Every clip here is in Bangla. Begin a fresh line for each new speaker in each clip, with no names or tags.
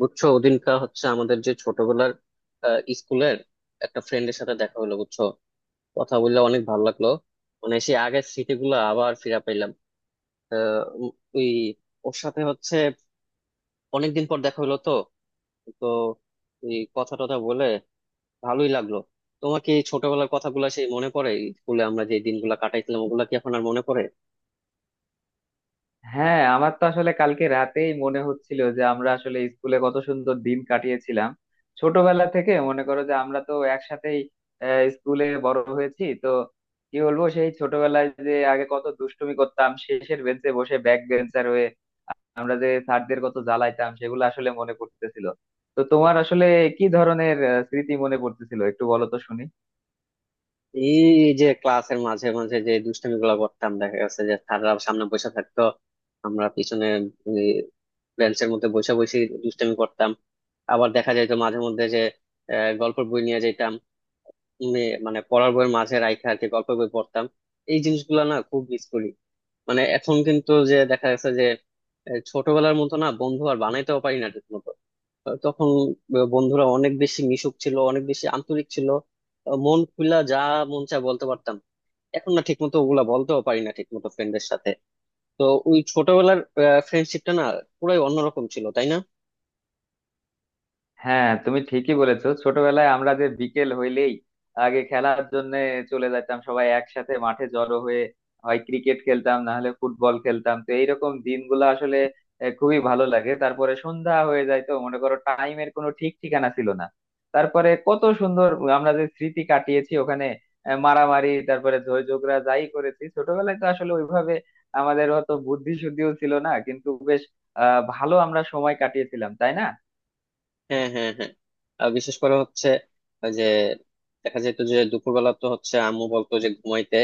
বুঝছো, ওদিনকার হচ্ছে আমাদের যে ছোটবেলার স্কুলের একটা ফ্রেন্ডের সাথে দেখা হলো। বুঝছো, কথা বললে অনেক ভালো লাগলো। মানে সেই আগের স্মৃতিগুলো আবার ফিরে পাইলাম। উম, ওই ওর সাথে হচ্ছে অনেকদিন পর দেখা হলো তো তো এই কথা টথা বলে ভালোই লাগলো। তোমার কি এই ছোটবেলার কথাগুলো সেই মনে পড়ে? স্কুলে আমরা যে দিনগুলো কাটাইছিলাম ওগুলা কি এখন আর মনে পড়ে?
হ্যাঁ, আমার তো আসলে কালকে রাতেই মনে হচ্ছিল যে আমরা আসলে স্কুলে কত সুন্দর দিন কাটিয়েছিলাম। ছোটবেলা থেকে মনে করো যে আমরা তো একসাথেই স্কুলে বড় হয়েছি তো। কি বলবো, সেই ছোটবেলায় যে আগে কত দুষ্টুমি করতাম শেষের বেঞ্চে বসে ব্যাক বেঞ্চার হয়ে। আমরা যে স্যারদের কত জ্বালাইতাম সেগুলো আসলে মনে পড়তেছিল। তো তোমার আসলে কি ধরনের স্মৃতি মনে পড়তেছিল একটু বলো তো শুনি।
এই যে ক্লাসের মাঝে মাঝে যে দুষ্টামি গুলা করতাম, দেখা গেছে যে স্যাররা সামনে বসে থাকতো, আমরা পিছনে বেঞ্চের মধ্যে বসে বসে দুষ্টামি করতাম। আবার দেখা যাইতো মাঝে মধ্যে যে গল্পের বই নিয়ে যেতাম। মানে পড়ার বইয়ের মাঝে রাইখা আর কি গল্পের বই পড়তাম। এই জিনিসগুলা না খুব মিস করি। মানে এখন কিন্তু যে দেখা গেছে যে ছোটবেলার মতো না বন্ধু আর বানাইতেও পারি না ঠিক মতো। তখন বন্ধুরা অনেক বেশি মিশুক ছিল, অনেক বেশি আন্তরিক ছিল। মন খুলা যা মন চায় বলতে পারতাম। এখন না ঠিকমতো ওগুলা বলতেও পারি না ঠিকমতো ফ্রেন্ডদের সাথে। তো ওই ছোটবেলার ফ্রেন্ডশিপটা না পুরাই অন্যরকম ছিল, তাই না?
হ্যাঁ, তুমি ঠিকই বলেছো, ছোটবেলায় আমরা যে বিকেল হইলেই আগে খেলার জন্য চলে যেতাম সবাই একসাথে মাঠে জড়ো হয়ে। হয় ক্রিকেট খেলতাম না হলে ফুটবল খেলতাম, তো এইরকম দিনগুলো আসলে খুবই ভালো লাগে। তারপরে সন্ধ্যা হয়ে যায়, তো মনে করো টাইমের কোনো ঠিক ঠিকানা ছিল না। তারপরে কত সুন্দর আমরা যে স্মৃতি কাটিয়েছি ওখানে, মারামারি তারপরে ঝই ঝগড়া যাই করেছি ছোটবেলায় তো আসলে ওইভাবে আমাদের অত বুদ্ধি শুদ্ধিও ছিল না, কিন্তু বেশ ভালো আমরা সময় কাটিয়েছিলাম, তাই না?
হ্যাঁ, হ্যাঁ, হ্যাঁ। আর বিশেষ করে হচ্ছে ওই যে দেখা যেত যে দুপুরবেলা তো হচ্ছে আম্মু বলতো যে ঘুমাইতে,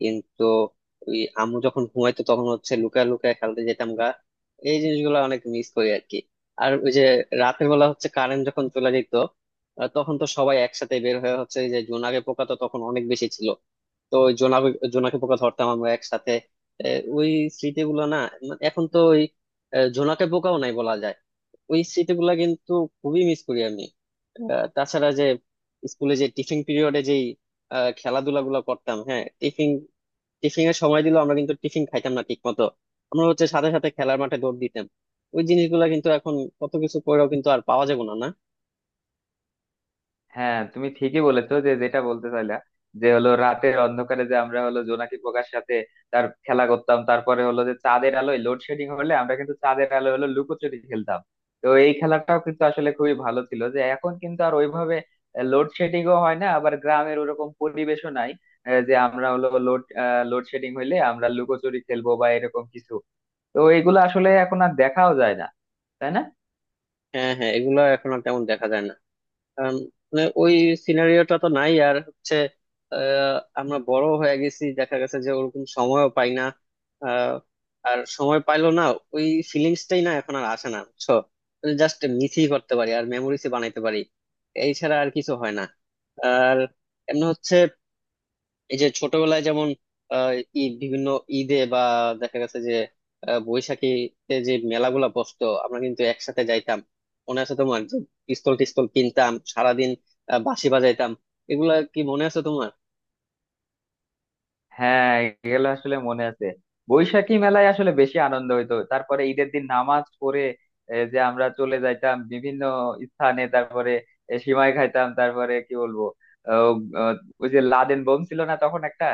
কিন্তু ওই আম্মু যখন ঘুমাইতো তখন হচ্ছে লুকায় লুকায় খেলতে যেতাম গা। এই জিনিসগুলো অনেক মিস করি আর কি। আর ওই যে রাতের বেলা হচ্ছে কারেন্ট যখন চলে যেত, তখন তো সবাই একসাথে বের হয়ে হচ্ছে এই যে জোনাকি পোকা তো তখন অনেক বেশি ছিল। তো ওই জোনাকি জোনাকি পোকা ধরতাম আমরা একসাথে। এ, ওই স্মৃতিগুলো না, মানে এখন তো ওই জোনাকি পোকাও নাই বলা যায়। ওই স্মৃতিগুলা কিন্তু খুবই মিস করি আমি। তাছাড়া যে স্কুলে যে টিফিন পিরিয়ডে যেই খেলাধুলা গুলো করতাম। হ্যাঁ, টিফিন টিফিনের সময় দিলেও আমরা কিন্তু টিফিন খাইতাম না ঠিক মতো। আমরা হচ্ছে সাথে সাথে খেলার মাঠে দৌড় দিতাম। ওই জিনিসগুলা কিন্তু এখন কত কিছু করেও কিন্তু আর পাওয়া যাবে না, না।
হ্যাঁ, তুমি ঠিকই বলেছো, যে যেটা বলতে চাইলা যে হলো রাতের অন্ধকারে যে আমরা হলো জোনাকি পোকার সাথে তার খেলা করতাম, তারপরে হলো যে চাঁদের আলোয়, লোডশেডিং হলে আমরা কিন্তু চাঁদের আলোয় হলো লুকোচুরি খেলতাম। তো এই খেলাটাও কিন্তু আসলে খুবই ভালো ছিল, যে এখন কিন্তু আর ওইভাবে লোডশেডিংও হয় না, আবার গ্রামের ওরকম পরিবেশও নাই যে আমরা হলো লোডশেডিং হইলে আমরা লুকোচুরি খেলবো বা এরকম কিছু। তো এইগুলো আসলে এখন আর দেখাও যায় না, তাই না?
হ্যাঁ, হ্যাঁ, এগুলো এখন আর তেমন দেখা যায় না। আম, মানে ওই সিনারিওটা তো নাই আর হচ্ছে আমরা বড় হয়ে গেছি, দেখা গেছে যে ওরকম সময়ও পাই না। আহ, আর সময় পাইলো না, ওই ফিলিংসটাই না এখন আর আসে না, বুঝছো। জাস্ট মিসই করতে পারি আর মেমোরিজ বানাইতে পারি। এই ছাড়া আর কিছু হয় না। আর এমনি হচ্ছে এই যে ছোটবেলায় যেমন আহ ঈদ বিভিন্ন ঈদে বা দেখা গেছে যে বৈশাখীতে যে মেলাগুলা বসতো আমরা কিন্তু একসাথে যাইতাম। মনে আছে তোমার যে পিস্তল টিস্তল কিনতাম সারাদিন, বাঁশি বাজাইতাম। এগুলা কি মনে আছে তোমার?
হ্যাঁ, এগুলো আসলে মনে আছে। বৈশাখী মেলায় আসলে বেশি আনন্দ হইতো, তারপরে ঈদের দিন নামাজ পড়ে যে আমরা চলে যাইতাম বিভিন্ন স্থানে। তারপরে সিমাই খাইতাম, তারপরে কি বলবো। আহ, আহ, ওই যে লাদেন বোম ছিল না তখন একটা,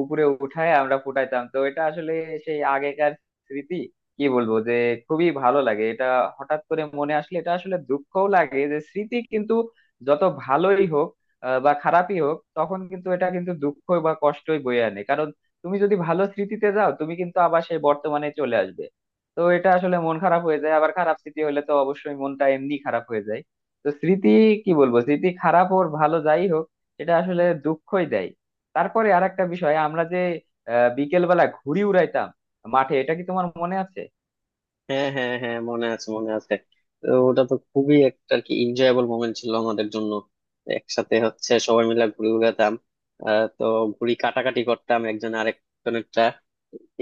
উপরে উঠায় আমরা ফুটাইতাম। তো এটা আসলে সেই আগেকার স্মৃতি, কি বলবো যে খুবই ভালো লাগে এটা। হঠাৎ করে মনে আসলে এটা আসলে দুঃখও লাগে, যে স্মৃতি কিন্তু যত ভালোই হোক বা খারাপই হোক, তখন কিন্তু এটা কিন্তু দুঃখ বা কষ্টই বয়ে আনে। কারণ তুমি যদি ভালো স্মৃতিতে যাও, তুমি কিন্তু আবার সেই বর্তমানে চলে আসবে। তো এটা আসলে মন খারাপ হয়ে যায়, আবার খারাপ স্মৃতি হলে তো অবশ্যই মনটা এমনি খারাপ হয়ে যায়। তো স্মৃতি, কি বলবো, স্মৃতি খারাপ হোক ভালো যাই হোক, এটা আসলে দুঃখই দেয়। তারপরে আরেকটা বিষয়, আমরা যে বিকেল বেলা ঘুড়ি উড়াইতাম মাঠে, এটা কি তোমার মনে আছে?
হ্যাঁ, হ্যাঁ, হ্যাঁ, মনে আছে, মনে আছে। তো ওটা তো খুবই একটা আর কি এনজয়েবল মোমেন্ট ছিল আমাদের জন্য। একসাথে হচ্ছে সবাই মিলে ঘুরে বেড়াতাম। তো ঘুড়ি কাটাকাটি করতাম একজন আরেকজনের।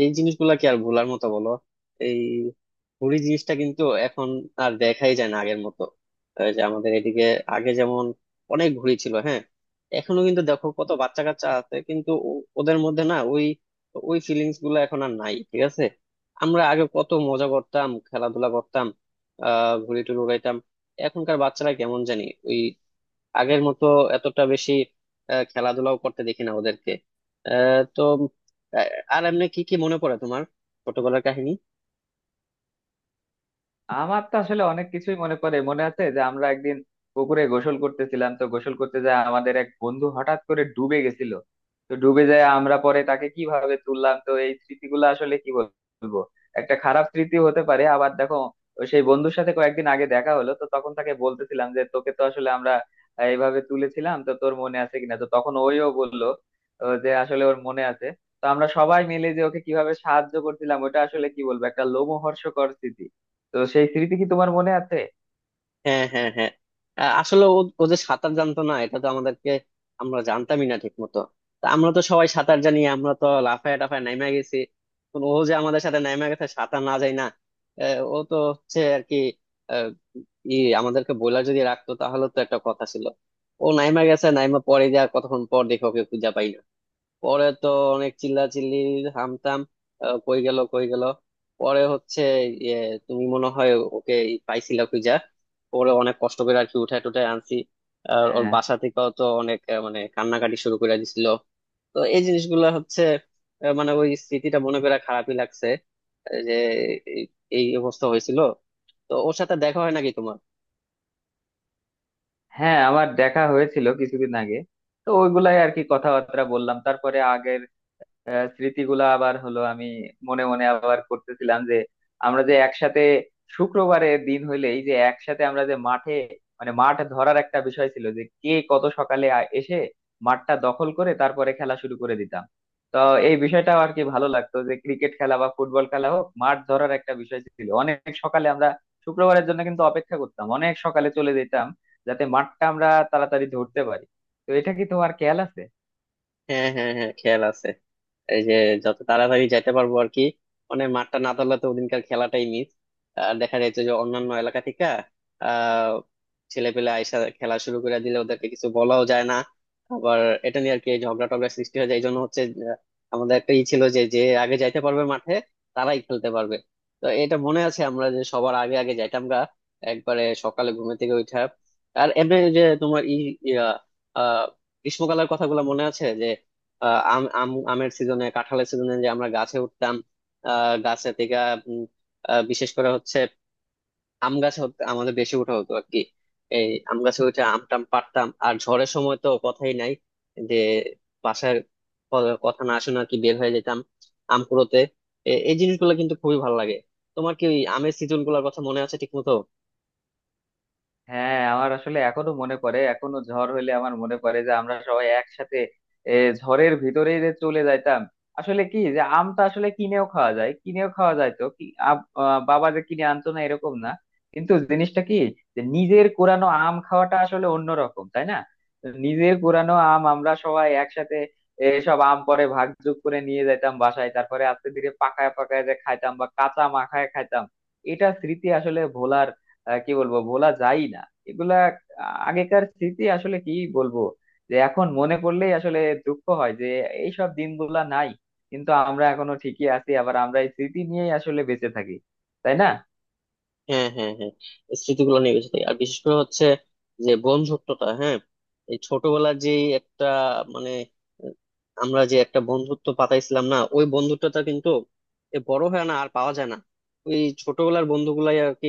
এই জিনিসগুলা কি আর ভোলার মতো, বলো? এই হুড়ি জিনিসটা কিন্তু এখন আর দেখাই যায় না আগের মতো। এই যে আমাদের এদিকে আগে যেমন অনেক ঘুড়ি ছিল, হ্যাঁ। এখনো কিন্তু দেখো কত বাচ্চা কাচ্চা আছে, কিন্তু ওদের মধ্যে না ওই ওই ফিলিংস গুলো এখন আর নাই, ঠিক আছে। আমরা আগে কত মজা করতাম, খেলাধুলা করতাম, ঘুড়ি টুড়ি উড়াইতাম। এখনকার বাচ্চারা কেমন জানি আগের মতো এতটা বেশি খেলাধুলাও করতে দেখি না ওদেরকে। আহ, তো আহ, আর এমনি কি কি মনে পড়ে তোমার, ছোটবেলার কাহিনী?
আমার তো আসলে অনেক কিছুই মনে পড়ে। মনে আছে যে আমরা একদিন পুকুরে গোসল করতেছিলাম, তো গোসল করতে যায় আমাদের এক বন্ধু হঠাৎ করে ডুবে গেছিল। তো ডুবে যায়, আমরা পরে তাকে কিভাবে তুললাম, তো এই স্মৃতিগুলো আসলে কি বলবো, একটা খারাপ স্মৃতি হতে পারে। আবার দেখো, সেই বন্ধুর সাথে কয়েকদিন আগে দেখা হলো, তো তখন তাকে বলতেছিলাম যে তোকে তো আসলে আমরা এইভাবে তুলেছিলাম, তো তোর মনে আছে কিনা। তো তখন ওইও বললো যে আসলে ওর মনে আছে। তো আমরা সবাই মিলে যে ওকে কিভাবে সাহায্য করছিলাম ওটা আসলে কি বলবো, একটা লোমহর্ষকর স্মৃতি। তো সেই স্মৃতি কি তোমার মনে আছে?
হ্যাঁ, হ্যাঁ, হ্যাঁ। আসলে ও ও যে সাঁতার জানতো না এটা তো আমাদেরকে আমরা জানতামই না ঠিক মতো। তা আমরা তো সবাই সাঁতার জানি, আমরা তো লাফায় টাফায় নাইমা গেছি, কিন্তু ও যে আমাদের সাথে নাইমা গেছে সাঁতার না যায় না। ও তো হচ্ছে আর কি আহ, ই আমাদেরকে বইলা যদি রাখতো তাহলে তো একটা কথা ছিল। ও নাইমা গেছে, নাইমা পরে যা কতক্ষণ পর দেখে ওকে খুঁজে পাই না। পরে তো অনেক চিল্লাচিল্লি, হামতাম, কই গেল কই গেল। পরে হচ্ছে ইয়ে তুমি মনে হয় ওকে পাইছিলা খুঁজা। পরে অনেক কষ্ট করে আর কি উঠায় টুঠায় আনছি। আর ওর
হ্যাঁ,
বাসা থেকেও তো অনেক মানে কান্নাকাটি শুরু করে দিছিল। তো এই জিনিসগুলো হচ্ছে মানে ওই স্মৃতিটা মনে করে খারাপই লাগছে। যে এই এই অবস্থা হয়েছিল। তো ওর সাথে দেখা হয় নাকি তোমার?
হ্যাঁ, আমার দেখা হয়েছিল কিছুদিন আগে। তো ওইগুলাই আর কি কথাবার্তা বললাম, তারপরে আগে স্মৃতিগুলা আবার হলো, আমি মনে মনে আবার করতেছিলাম যে আমরা যে একসাথে শুক্রবারে দিন হইলে এই যে একসাথে আমরা যে মাঠে, মানে মাঠ ধরার একটা বিষয় ছিল যে কে কত সকালে এসে মাঠটা দখল করে তারপরে খেলা শুরু করে দিতাম। তো এই বিষয়টা আর কি ভালো লাগতো, যে ক্রিকেট খেলা বা ফুটবল খেলা হোক, মাঠ ধরার একটা বিষয় ছিল। অনেক সকালে আমরা শুক্রবারের জন্য কিন্তু অপেক্ষা করতাম, অনেক সকালে চলে যেতাম, যাতে মাঠটা আমরা তাড়াতাড়ি ধরতে পারি। তো এটা কি তোমার খেয়াল আছে?
হ্যাঁ, হ্যাঁ, হ্যাঁ, খেয়াল আছে। এই যে যত তাড়াতাড়ি যেতে পারবো আর কি, মানে মাঠটা না ধরলে তো ওদিনকার খেলাটাই মিস। আর দেখা যাচ্ছে যে অন্যান্য এলাকা থেকে আহ ছেলেপেলে আইসা খেলা শুরু করে দিলে ওদেরকে কিছু বলাও যায় না। আবার এটা নিয়ে আর কি ঝগড়া টগড়া সৃষ্টি হয়ে যায়। এই জন্য হচ্ছে আহ, আমাদের একটা ই ছিল যে যে আগে যাইতে পারবে মাঠে তারাই খেলতে পারবে। তো এটা মনে আছে আমরা যে সবার আগে আগে যাইতাম গা একবারে সকালে ঘুম থেকে উঠা। আর এমনি যে তোমার ই ইয়া, আহ গ্রীষ্মকালের কথাগুলো মনে আছে? আহ, আম আম আমের সিজনে, কাঁঠালের সিজনে যে আমরা গাছে উঠতাম, আহ গাছে থেকে। উম, বিশেষ করে হচ্ছে আম গাছে আমাদের বেশি ওঠা হতো আর কি। এই আম গাছে উঠে আম টাম পাড়তাম। আর ঝড়ের সময় তো কথাই নাই, যে বাসার কথা না শোনা কি বের হয়ে যেতাম আম কুড়োতে। এই জিনিসগুলো কিন্তু খুবই ভালো লাগে। তোমার কি ওই আমের সিজন গুলোর কথা মনে আছে ঠিক মতো?
হ্যাঁ, আমার আসলে এখনো মনে পড়ে। এখনো ঝড় হইলে আমার মনে পড়ে যে আমরা সবাই একসাথে এ, ঝড়ের ভিতরে যে চলে যাইতাম। আসলে কি, যে আমটা আসলে কিনেও খাওয়া যায়, কিনেও খাওয়া যায়, তো কি বাবা যে কিনে আনতো না এরকম না, কিন্তু জিনিসটা কি, যে নিজের কোরানো আম খাওয়াটা আসলে অন্যরকম, তাই না? তো নিজের কোরানো আম আমরা সবাই একসাথে সব আম পরে ভাগযোগ করে নিয়ে যাইতাম বাসায়, তারপরে আস্তে ধীরে পাকায় পাকায় যে খাইতাম বা কাঁচা মাখায় খাইতাম। এটা স্মৃতি আসলে ভোলার কি বলবো, ভোলা যায় না এগুলা। আগেকার স্মৃতি আসলে কি বলবো, যে এখন মনে করলেই আসলে দুঃখ হয় যে এইসব দিনগুলা নাই। কিন্তু আমরা এখনো ঠিকই আছি, আবার আমরা এই স্মৃতি নিয়েই আসলে বেঁচে থাকি, তাই না?
হ্যাঁ, হ্যাঁ, হ্যাঁ। স্মৃতিগুলো নিয়ে বেঁচে থাকি আর বিশেষ করে হচ্ছে যে বন্ধুত্বটা, হ্যাঁ। এই ছোটবেলার যে একটা, মানে আহ, আমরা যে একটা বন্ধুত্ব পাতাইছিলাম না, ওই বন্ধুত্বটা কিন্তু এ বড় হয় না, আর পাওয়া যায় না। ওই ছোটবেলার বন্ধুগুলাই আর কি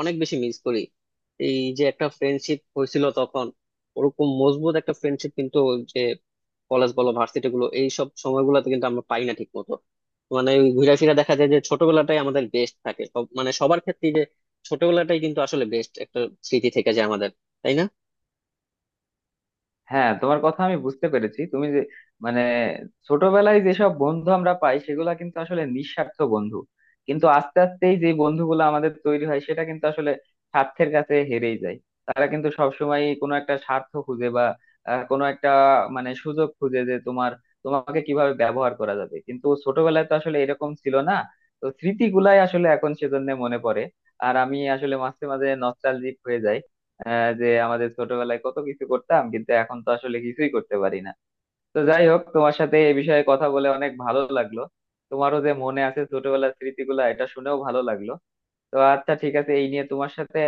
অনেক বেশি মিস করি। এই যে একটা ফ্রেন্ডশিপ হয়েছিল তখন, ওরকম মজবুত একটা ফ্রেন্ডশিপ কিন্তু কলেজ বলো, ভার্সিটি গুলো এইসব সময়গুলোতে কিন্তু আমরা পাই না ঠিক মতো। মানে ওই ঘুরে ফিরে দেখা যায় যে ছোটবেলাটাই আমাদের বেস্ট থাকে, সব মানে সবার ক্ষেত্রে যে ছোটবেলাটাই কিন্তু আসলে বেস্ট একটা স্মৃতি থেকে যায় আমাদের, তাই না?
হ্যাঁ, তোমার কথা আমি বুঝতে পেরেছি। তুমি যে মানে ছোটবেলায় যেসব বন্ধু আমরা পাই সেগুলা কিন্তু আসলে নিঃস্বার্থ বন্ধু, কিন্তু আস্তে আস্তেই যে বন্ধুগুলো আমাদের তৈরি হয় সেটা কিন্তু আসলে স্বার্থের কাছে হেরেই যায়। তারা কিন্তু সবসময় কোনো একটা স্বার্থ খুঁজে বা কোনো একটা মানে সুযোগ খুঁজে যে তোমার, তোমাকে কিভাবে ব্যবহার করা যাবে। কিন্তু ছোটবেলায় তো আসলে এরকম ছিল না। তো স্মৃতিগুলাই আসলে এখন সেজন্য মনে পড়ে। আর আমি আসলে মাঝে মাঝে নস্টালজিক হয়ে যাই যে আমাদের ছোটবেলায় কত কিছু করতাম, কিন্তু এখন তো আসলে কিছুই করতে পারি না। তো যাই হোক, তোমার সাথে এই বিষয়ে কথা বলে অনেক ভালো লাগলো। তোমারও যে মনে আছে ছোটবেলার স্মৃতিগুলা, এটা শুনেও ভালো লাগলো। তো আচ্ছা, ঠিক আছে, এই নিয়ে তোমার সাথে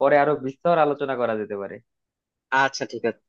পরে আরো বিস্তর আলোচনা করা যেতে পারে।
আচ্ছা, ঠিক আছে।